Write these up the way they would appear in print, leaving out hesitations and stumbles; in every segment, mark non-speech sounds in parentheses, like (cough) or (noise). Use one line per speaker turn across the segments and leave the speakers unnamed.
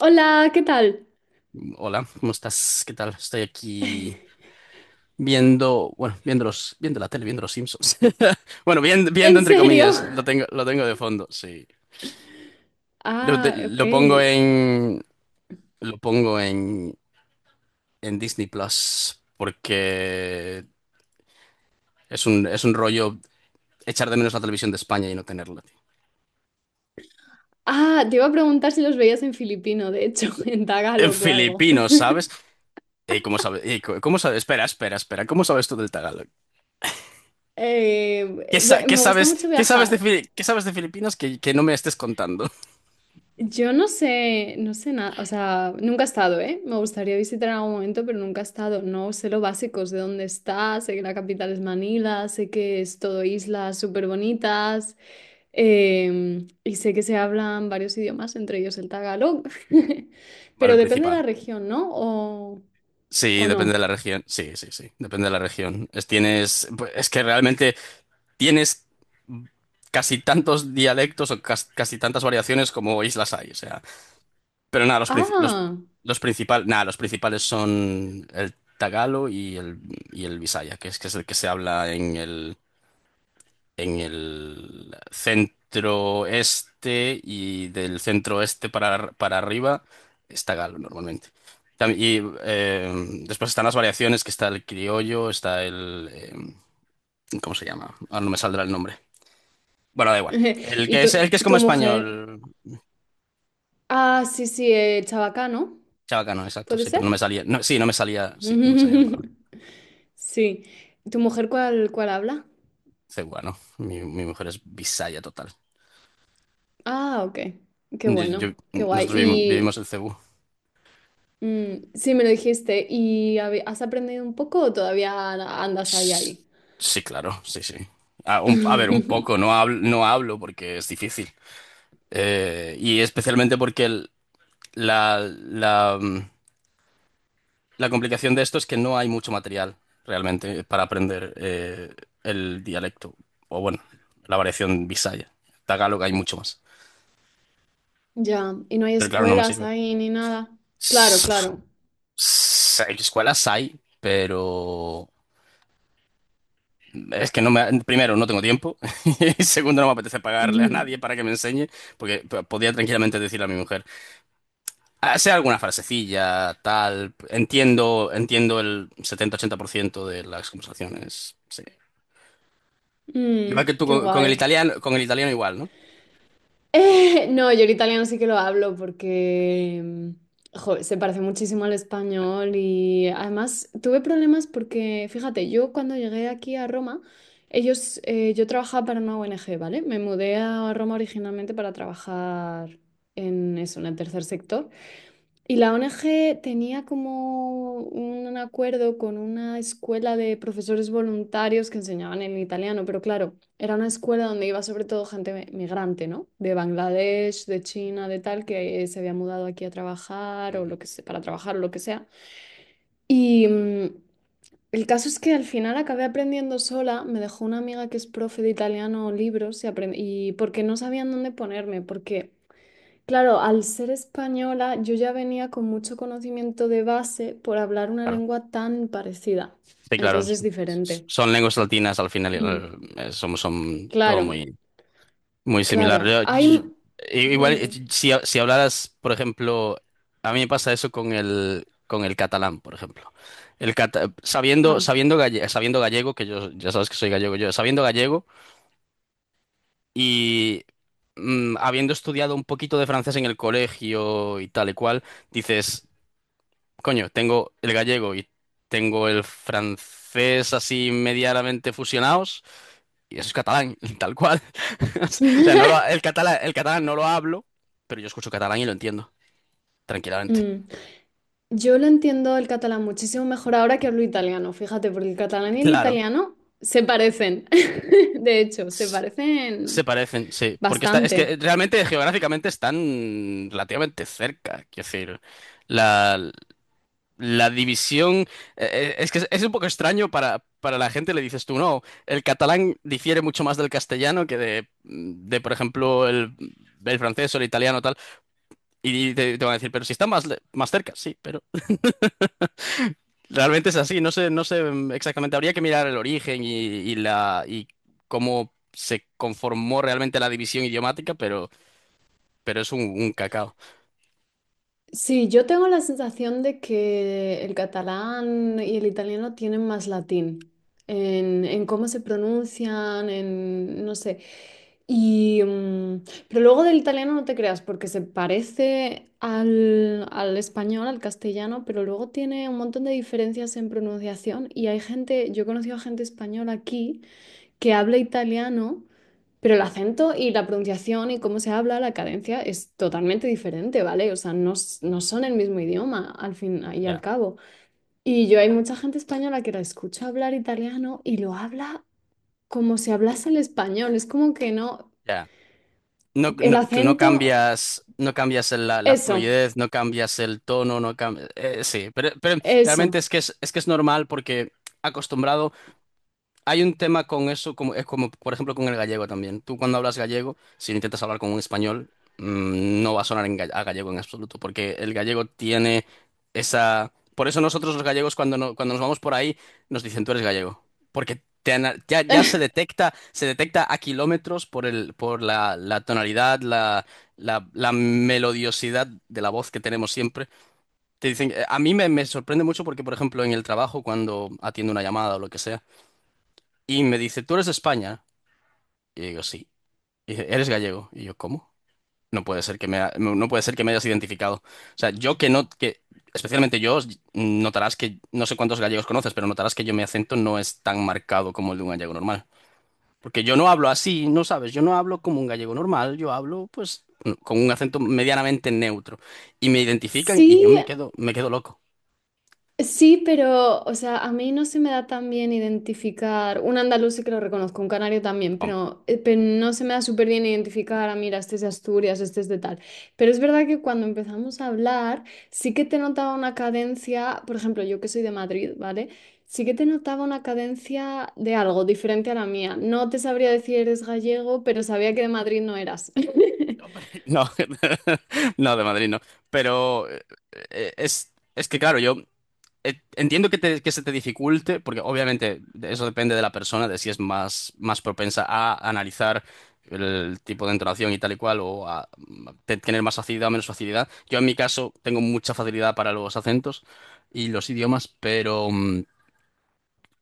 Hola, ¿qué tal?
Hola, ¿cómo estás? ¿Qué tal? Estoy aquí
(laughs)
viendo, bueno, viendo la tele, viendo los Simpsons. (laughs) Bueno,
¿En
viendo entre
serio?
comillas, lo tengo de fondo, sí. Lo, de-
Ah, ok.
lo pongo en, lo pongo en, Disney Plus porque es un rollo echar de menos la televisión de España y no tenerla, tío.
Ah, te iba a preguntar si los veías en filipino, de hecho, (laughs) en
En
tagalog o algo.
filipino,
(laughs)
¿sabes? Ey, ¿cómo sabes? Ey, ¿cómo sabes? Espera, espera, espera. ¿Cómo sabes tú del Tagalog?
Eh, Me gusta mucho
Qué sabes de,
viajar.
Fili- qué sabes de Filipinas que no me estés contando? (laughs)
Yo no sé, no sé nada, o sea, nunca he estado, ¿eh? Me gustaría visitar en algún momento, pero nunca he estado. No sé lo básico, sé dónde está, sé que la capital es Manila, sé que es todo islas súper bonitas, y sé que se hablan varios idiomas, entre ellos el tagalog. (laughs)
Bueno,
Pero
el
depende de la
principal.
región, ¿no?
Sí,
O
depende de
no?
la región. Sí, sí, sí, depende de la región. Es que realmente tienes casi tantos dialectos o casi tantas variaciones como islas hay. O sea, pero nada,
Ah,
los principales son el tagalo y el bisaya, que es el que se habla en el centro este y del centro este para arriba está Galo normalmente. Tam- Y eh, después están las variaciones, que está el criollo, está. ¿Cómo se llama? Ahora no me saldrá el nombre. Bueno, da igual.
(laughs) y tu,
El que es
tu
como
mujer.
español.
Ah, sí, sí, el Chabacano,
Chabacano, exacto,
¿puede
sí, pero no
ser?
me salía. No, sí, no me salía. Sí, no me salía la palabra.
(laughs) Sí. ¿Tu mujer cuál habla?
Cebuano. Mi mujer es bisaya total.
Ah, ok. Qué
Yo-
bueno,
yo-
qué guay.
nosotros vivimos
Y
el Cebú.
mm, sí, me lo dijiste. ¿Y has aprendido un poco o todavía andas ahí,
S-
ahí?
Sí, claro, sí, sí. A ver, un
(laughs)
poco, no hablo porque es difícil. Y especialmente porque la, la, mm, la complicación de esto es que no hay mucho material realmente para aprender el dialecto. O bueno, la variación bisaya. Tagalog hay mucho más.
Ya, y no hay
Pero claro, no me
escuelas
sirve.
ahí ni nada. Claro,
S-
claro.
Escuelas hay, pero. Es que no me, primero, no tengo tiempo (laughs) y segundo, no me apetece
(laughs)
pagarle a
Ujú.
nadie para que me enseñe, porque podría tranquilamente decirle a mi mujer, "Ah, sea alguna frasecilla, tal, entiendo el 70-80% de las conversaciones. Sí.
Mm,
Igual que tú
qué
con el
guay.
italiano, igual, ¿no?
(laughs) No, yo el italiano sí que lo hablo porque jo, se parece muchísimo al español y además tuve problemas porque, fíjate, yo cuando llegué aquí a Roma, ellos, yo trabajaba para una ONG, ¿vale? Me mudé a Roma originalmente para trabajar en eso, en el tercer sector. Y la ONG tenía como un acuerdo con una escuela de profesores voluntarios que enseñaban en italiano, pero claro, era una escuela donde iba sobre todo gente migrante, ¿no? De Bangladesh, de China, de tal, que se había mudado aquí a trabajar o
Ujú.
lo que sea, para trabajar o lo que sea. Y el caso es que al final acabé aprendiendo sola, me dejó una amiga que es profe de italiano libros y y porque no sabían dónde ponerme, porque... Claro, al ser española, yo ya venía con mucho conocimiento de base por hablar una
Claro.
lengua tan parecida.
Sí, claro.
Entonces es diferente.
Son lenguas latinas al final,
Mm,
son todo
claro,
muy muy similar.
claro. Hay...
Igual,
Ujú.
si hablaras, por ejemplo, a mí me pasa eso con el catalán, por ejemplo. El cata- sabiendo,
Ah.
sabiendo, galle- sabiendo gallego, que yo ya sabes que soy gallego yo, sabiendo gallego y habiendo estudiado un poquito de francés en el colegio y tal y cual, dices. Coño, tengo el gallego y tengo el francés así medianamente fusionados y eso es catalán, (laughs) tal cual. (laughs) O sea, no lo-
(laughs)
el catalán no lo hablo, pero yo escucho catalán y lo entiendo tranquilamente.
Mm. Yo lo entiendo el catalán muchísimo mejor ahora que hablo italiano, fíjate, porque el catalán y el
Claro,
italiano se parecen. (laughs) De hecho, se
s- se
parecen
parecen, sí, porque está, es
bastante.
que realmente geográficamente están relativamente cerca, quiero decir, la, la división. Es que es un poco extraño para la gente, le dices tú, no, el catalán difiere mucho más del castellano que de, de por ejemplo, el francés o el italiano tal, y te van a decir, pero si están más, más cerca, sí, pero realmente es así, no sé exactamente, habría que mirar el origen y cómo se conformó realmente la división idiomática, pero, es un cacao.
Sí, yo tengo la sensación de que el catalán y el italiano tienen más latín en cómo se pronuncian, en no sé. Y, pero luego del italiano no te creas, porque se parece al, al español, al castellano, pero luego tiene un montón de diferencias en pronunciación. Y hay gente, yo he conocido a gente española aquí que habla italiano, pero el acento y la pronunciación y cómo se habla, la cadencia es totalmente diferente, ¿vale? O sea, no, no son el mismo idioma al fin y al
Ya.
cabo. Y yo hay mucha gente española que la escucha hablar italiano y lo habla como si hablase el español. Es como que no,
Ya. No,
el
no,
acento,
no cambias la
eso,
fluidez, no cambias el tono, no cambias. Sí, pero realmente
eso.
es que es, normal porque acostumbrado. Hay un tema con eso, como, es como, por ejemplo, con el gallego también. Tú cuando hablas gallego, si intentas hablar con un español, no va a sonar a gallego en absoluto, porque el gallego tiene. Por eso nosotros los gallegos cuando, no- cuando nos vamos por ahí, nos dicen tú eres gallego, porque ya se
(laughs)
detecta, a kilómetros por la tonalidad, la melodiosidad de la voz que tenemos siempre. Te dicen, a mí me sorprende mucho porque, por ejemplo, en el trabajo, cuando atiendo una llamada o lo que sea, y me dice, ¿tú eres de España? Y digo, sí. Y dice, ¿eres gallego? Y yo, ¿cómo? No puede ser que me, ha- no no puede ser que me hayas identificado. O sea, yo que no, especialmente yo, notarás que, no sé cuántos gallegos conoces, pero notarás que yo mi acento no es tan marcado como el de un gallego normal. Porque yo no hablo así, no sabes, yo no hablo como un gallego normal, yo hablo, pues, con un acento medianamente neutro. Y me identifican y yo
Sí,
me quedo loco.
sí, pero, o sea, a mí no se me da tan bien identificar, un andaluz sí que lo reconozco, un canario también,
Hom-
pero no se me da súper bien identificar, ah, mira, este es de Asturias, este es de tal. Pero es verdad que cuando empezamos a hablar, sí que te notaba una cadencia, por ejemplo, yo que soy de Madrid, ¿vale? Sí que te notaba una cadencia de algo diferente a la mía. No te sabría decir eres gallego, pero sabía que de Madrid no eras. (laughs)
(laughs) No, (laughs) no, de Madrid no. Pero es que, claro, entiendo que se te dificulte, porque obviamente eso depende de la persona, de si es más, más propensa a analizar el tipo de entonación y tal y cual, o a tener más facilidad o menos facilidad. Yo en mi caso tengo mucha facilidad para los acentos y los idiomas, pero,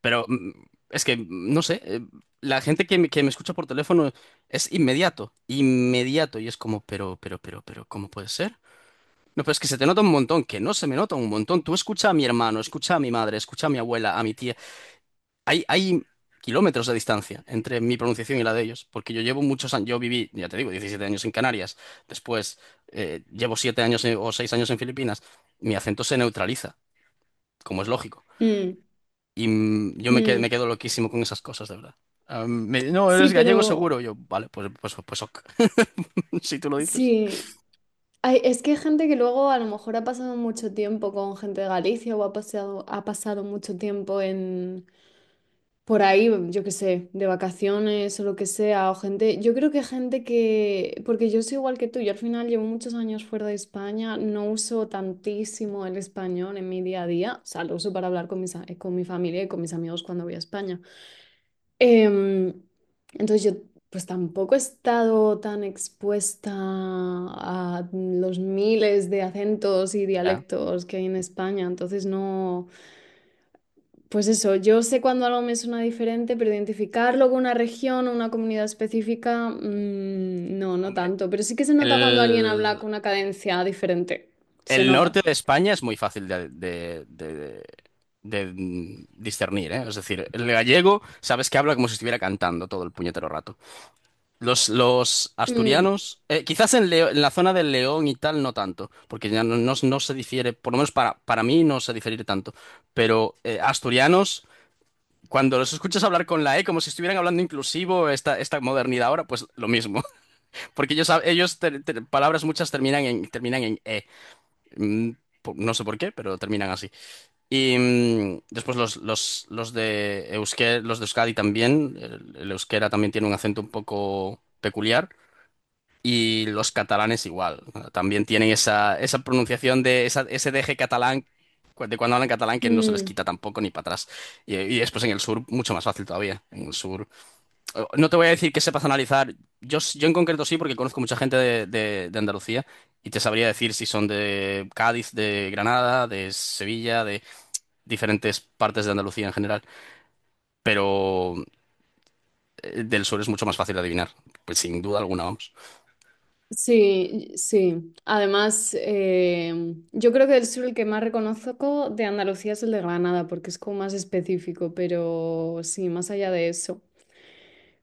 pero mm, es que, no sé, la gente que que me escucha por teléfono es inmediato, inmediato, y es como, pero, ¿cómo puede ser? No, pero es que se te nota un montón, que no se me nota un montón. Tú escucha a mi hermano, escucha a mi madre, escucha a mi abuela, a mi tía. Hay kilómetros de distancia entre mi pronunciación y la de ellos, porque yo llevo muchos años, yo viví, ya te digo, 17 años en Canarias, después llevo 7 años o 6 años en Filipinas, mi acento se neutraliza, como es lógico.
Mm,
Y yo
mm.
me quedo loquísimo con esas cosas, de verdad. Ah, no,
Sí,
eres gallego
pero
seguro. Yo, vale, pues, ok. (laughs) Si tú lo dices.
sí. Ay, es que hay gente que luego a lo mejor ha pasado mucho tiempo con gente de Galicia o ha pasado mucho tiempo en por ahí, yo qué sé, de vacaciones o lo que sea, o gente, yo creo que gente que, porque yo soy igual que tú, yo al final llevo muchos años fuera de España, no uso tantísimo el español en mi día a día, o sea, lo uso para hablar con mis, con mi familia y con mis amigos cuando voy a España. Em, entonces yo pues tampoco he estado tan expuesta a los miles de acentos y
Ya.
dialectos que hay en España, entonces no, pues eso, yo sé cuando algo me suena diferente, pero identificarlo con una región o una comunidad específica, mm, no, no
Hombre,
tanto, pero sí que se nota cuando alguien habla
el...
con una cadencia diferente, se
El
nota.
norte de España es muy fácil de discernir, ¿eh? Es decir, el gallego sabes que habla como si estuviera cantando todo el puñetero rato. Los
Mm,
asturianos, quizás en la zona del León y tal no tanto, porque ya no se difiere, por lo menos para mí no se difiere tanto, pero asturianos, cuando los escuchas hablar con la E como si estuvieran hablando inclusivo esta, esta modernidad ahora, pues lo mismo, (laughs) porque ellos, palabras muchas terminan en, terminan en E. Mm, No sé por qué, pero terminan así. Y después los de Euskera, los de Euskadi también. El euskera también tiene un acento un poco peculiar. Y los catalanes igual. También tienen esa pronunciación de ese deje catalán de cuando hablan catalán que no se les
mm.
quita tampoco ni para atrás. Y después en el sur, mucho más fácil todavía. En el sur. No te voy a decir que sepas analizar. Yo en concreto sí, porque conozco mucha gente de Andalucía y te sabría decir si son de Cádiz, de Granada, de Sevilla, de diferentes partes de Andalucía en general. Pero del sur es mucho más fácil de adivinar. Pues sin duda alguna, vamos.
Sí, sí. Además, yo creo que el sur el que más reconozco de Andalucía es el de Granada, porque es como más específico, pero sí, más allá de eso.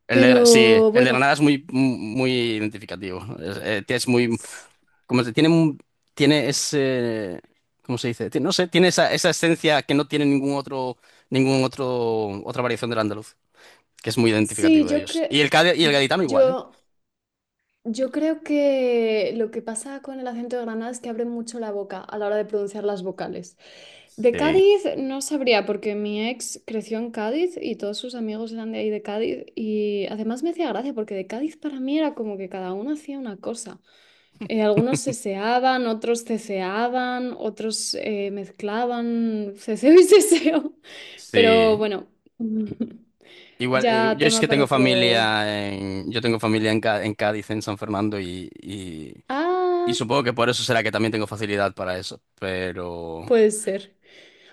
Sí,
Pero
el de
bueno,
Granada es muy, muy identificativo. Es muy,
s-
como se- tiene, un- tiene ese, ¿cómo se dice? No sé, tiene esa esencia que no tiene ningún otro, otra variación del andaluz. Que es muy
sí,
identificativo de
yo
ellos. Y
que
y el gaditano igual, ¿eh?
yo... Yo creo que lo que pasa con el acento de Granada es que abren mucho la boca a la hora de pronunciar las vocales. De
Sí,
Cádiz no sabría porque mi ex creció en Cádiz y todos sus amigos eran de ahí de Cádiz y además me hacía gracia porque de Cádiz para mí era como que cada uno hacía una cosa. Algunos seseaban, otros ceceaban, otros mezclaban ceseo y seseo. (laughs) Pero
sí.
bueno, (laughs)
Igual,
ya
yo es
tema
que
para otro.
yo tengo familia en, en Cádiz, en San Fernando, y
Ah.
supongo que por eso será que también tengo facilidad para eso. Pero,
Puede ser.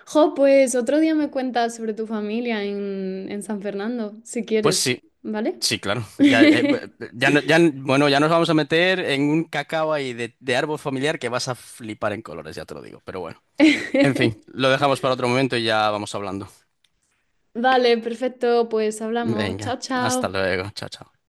Jo, pues otro día me cuentas sobre tu familia en San Fernando, si
pues
quieres,
sí,
¿vale?
sí, claro. Ya,
(laughs)
ya, bueno, ya nos vamos a meter en un cacao ahí de árbol familiar que vas a flipar en colores, ya te lo digo. Pero bueno, en fin, lo dejamos para otro momento y ya vamos hablando.
Vale, perfecto, pues hablamos.
Venga,
Chao,
hasta
chao.
luego, chao, chao.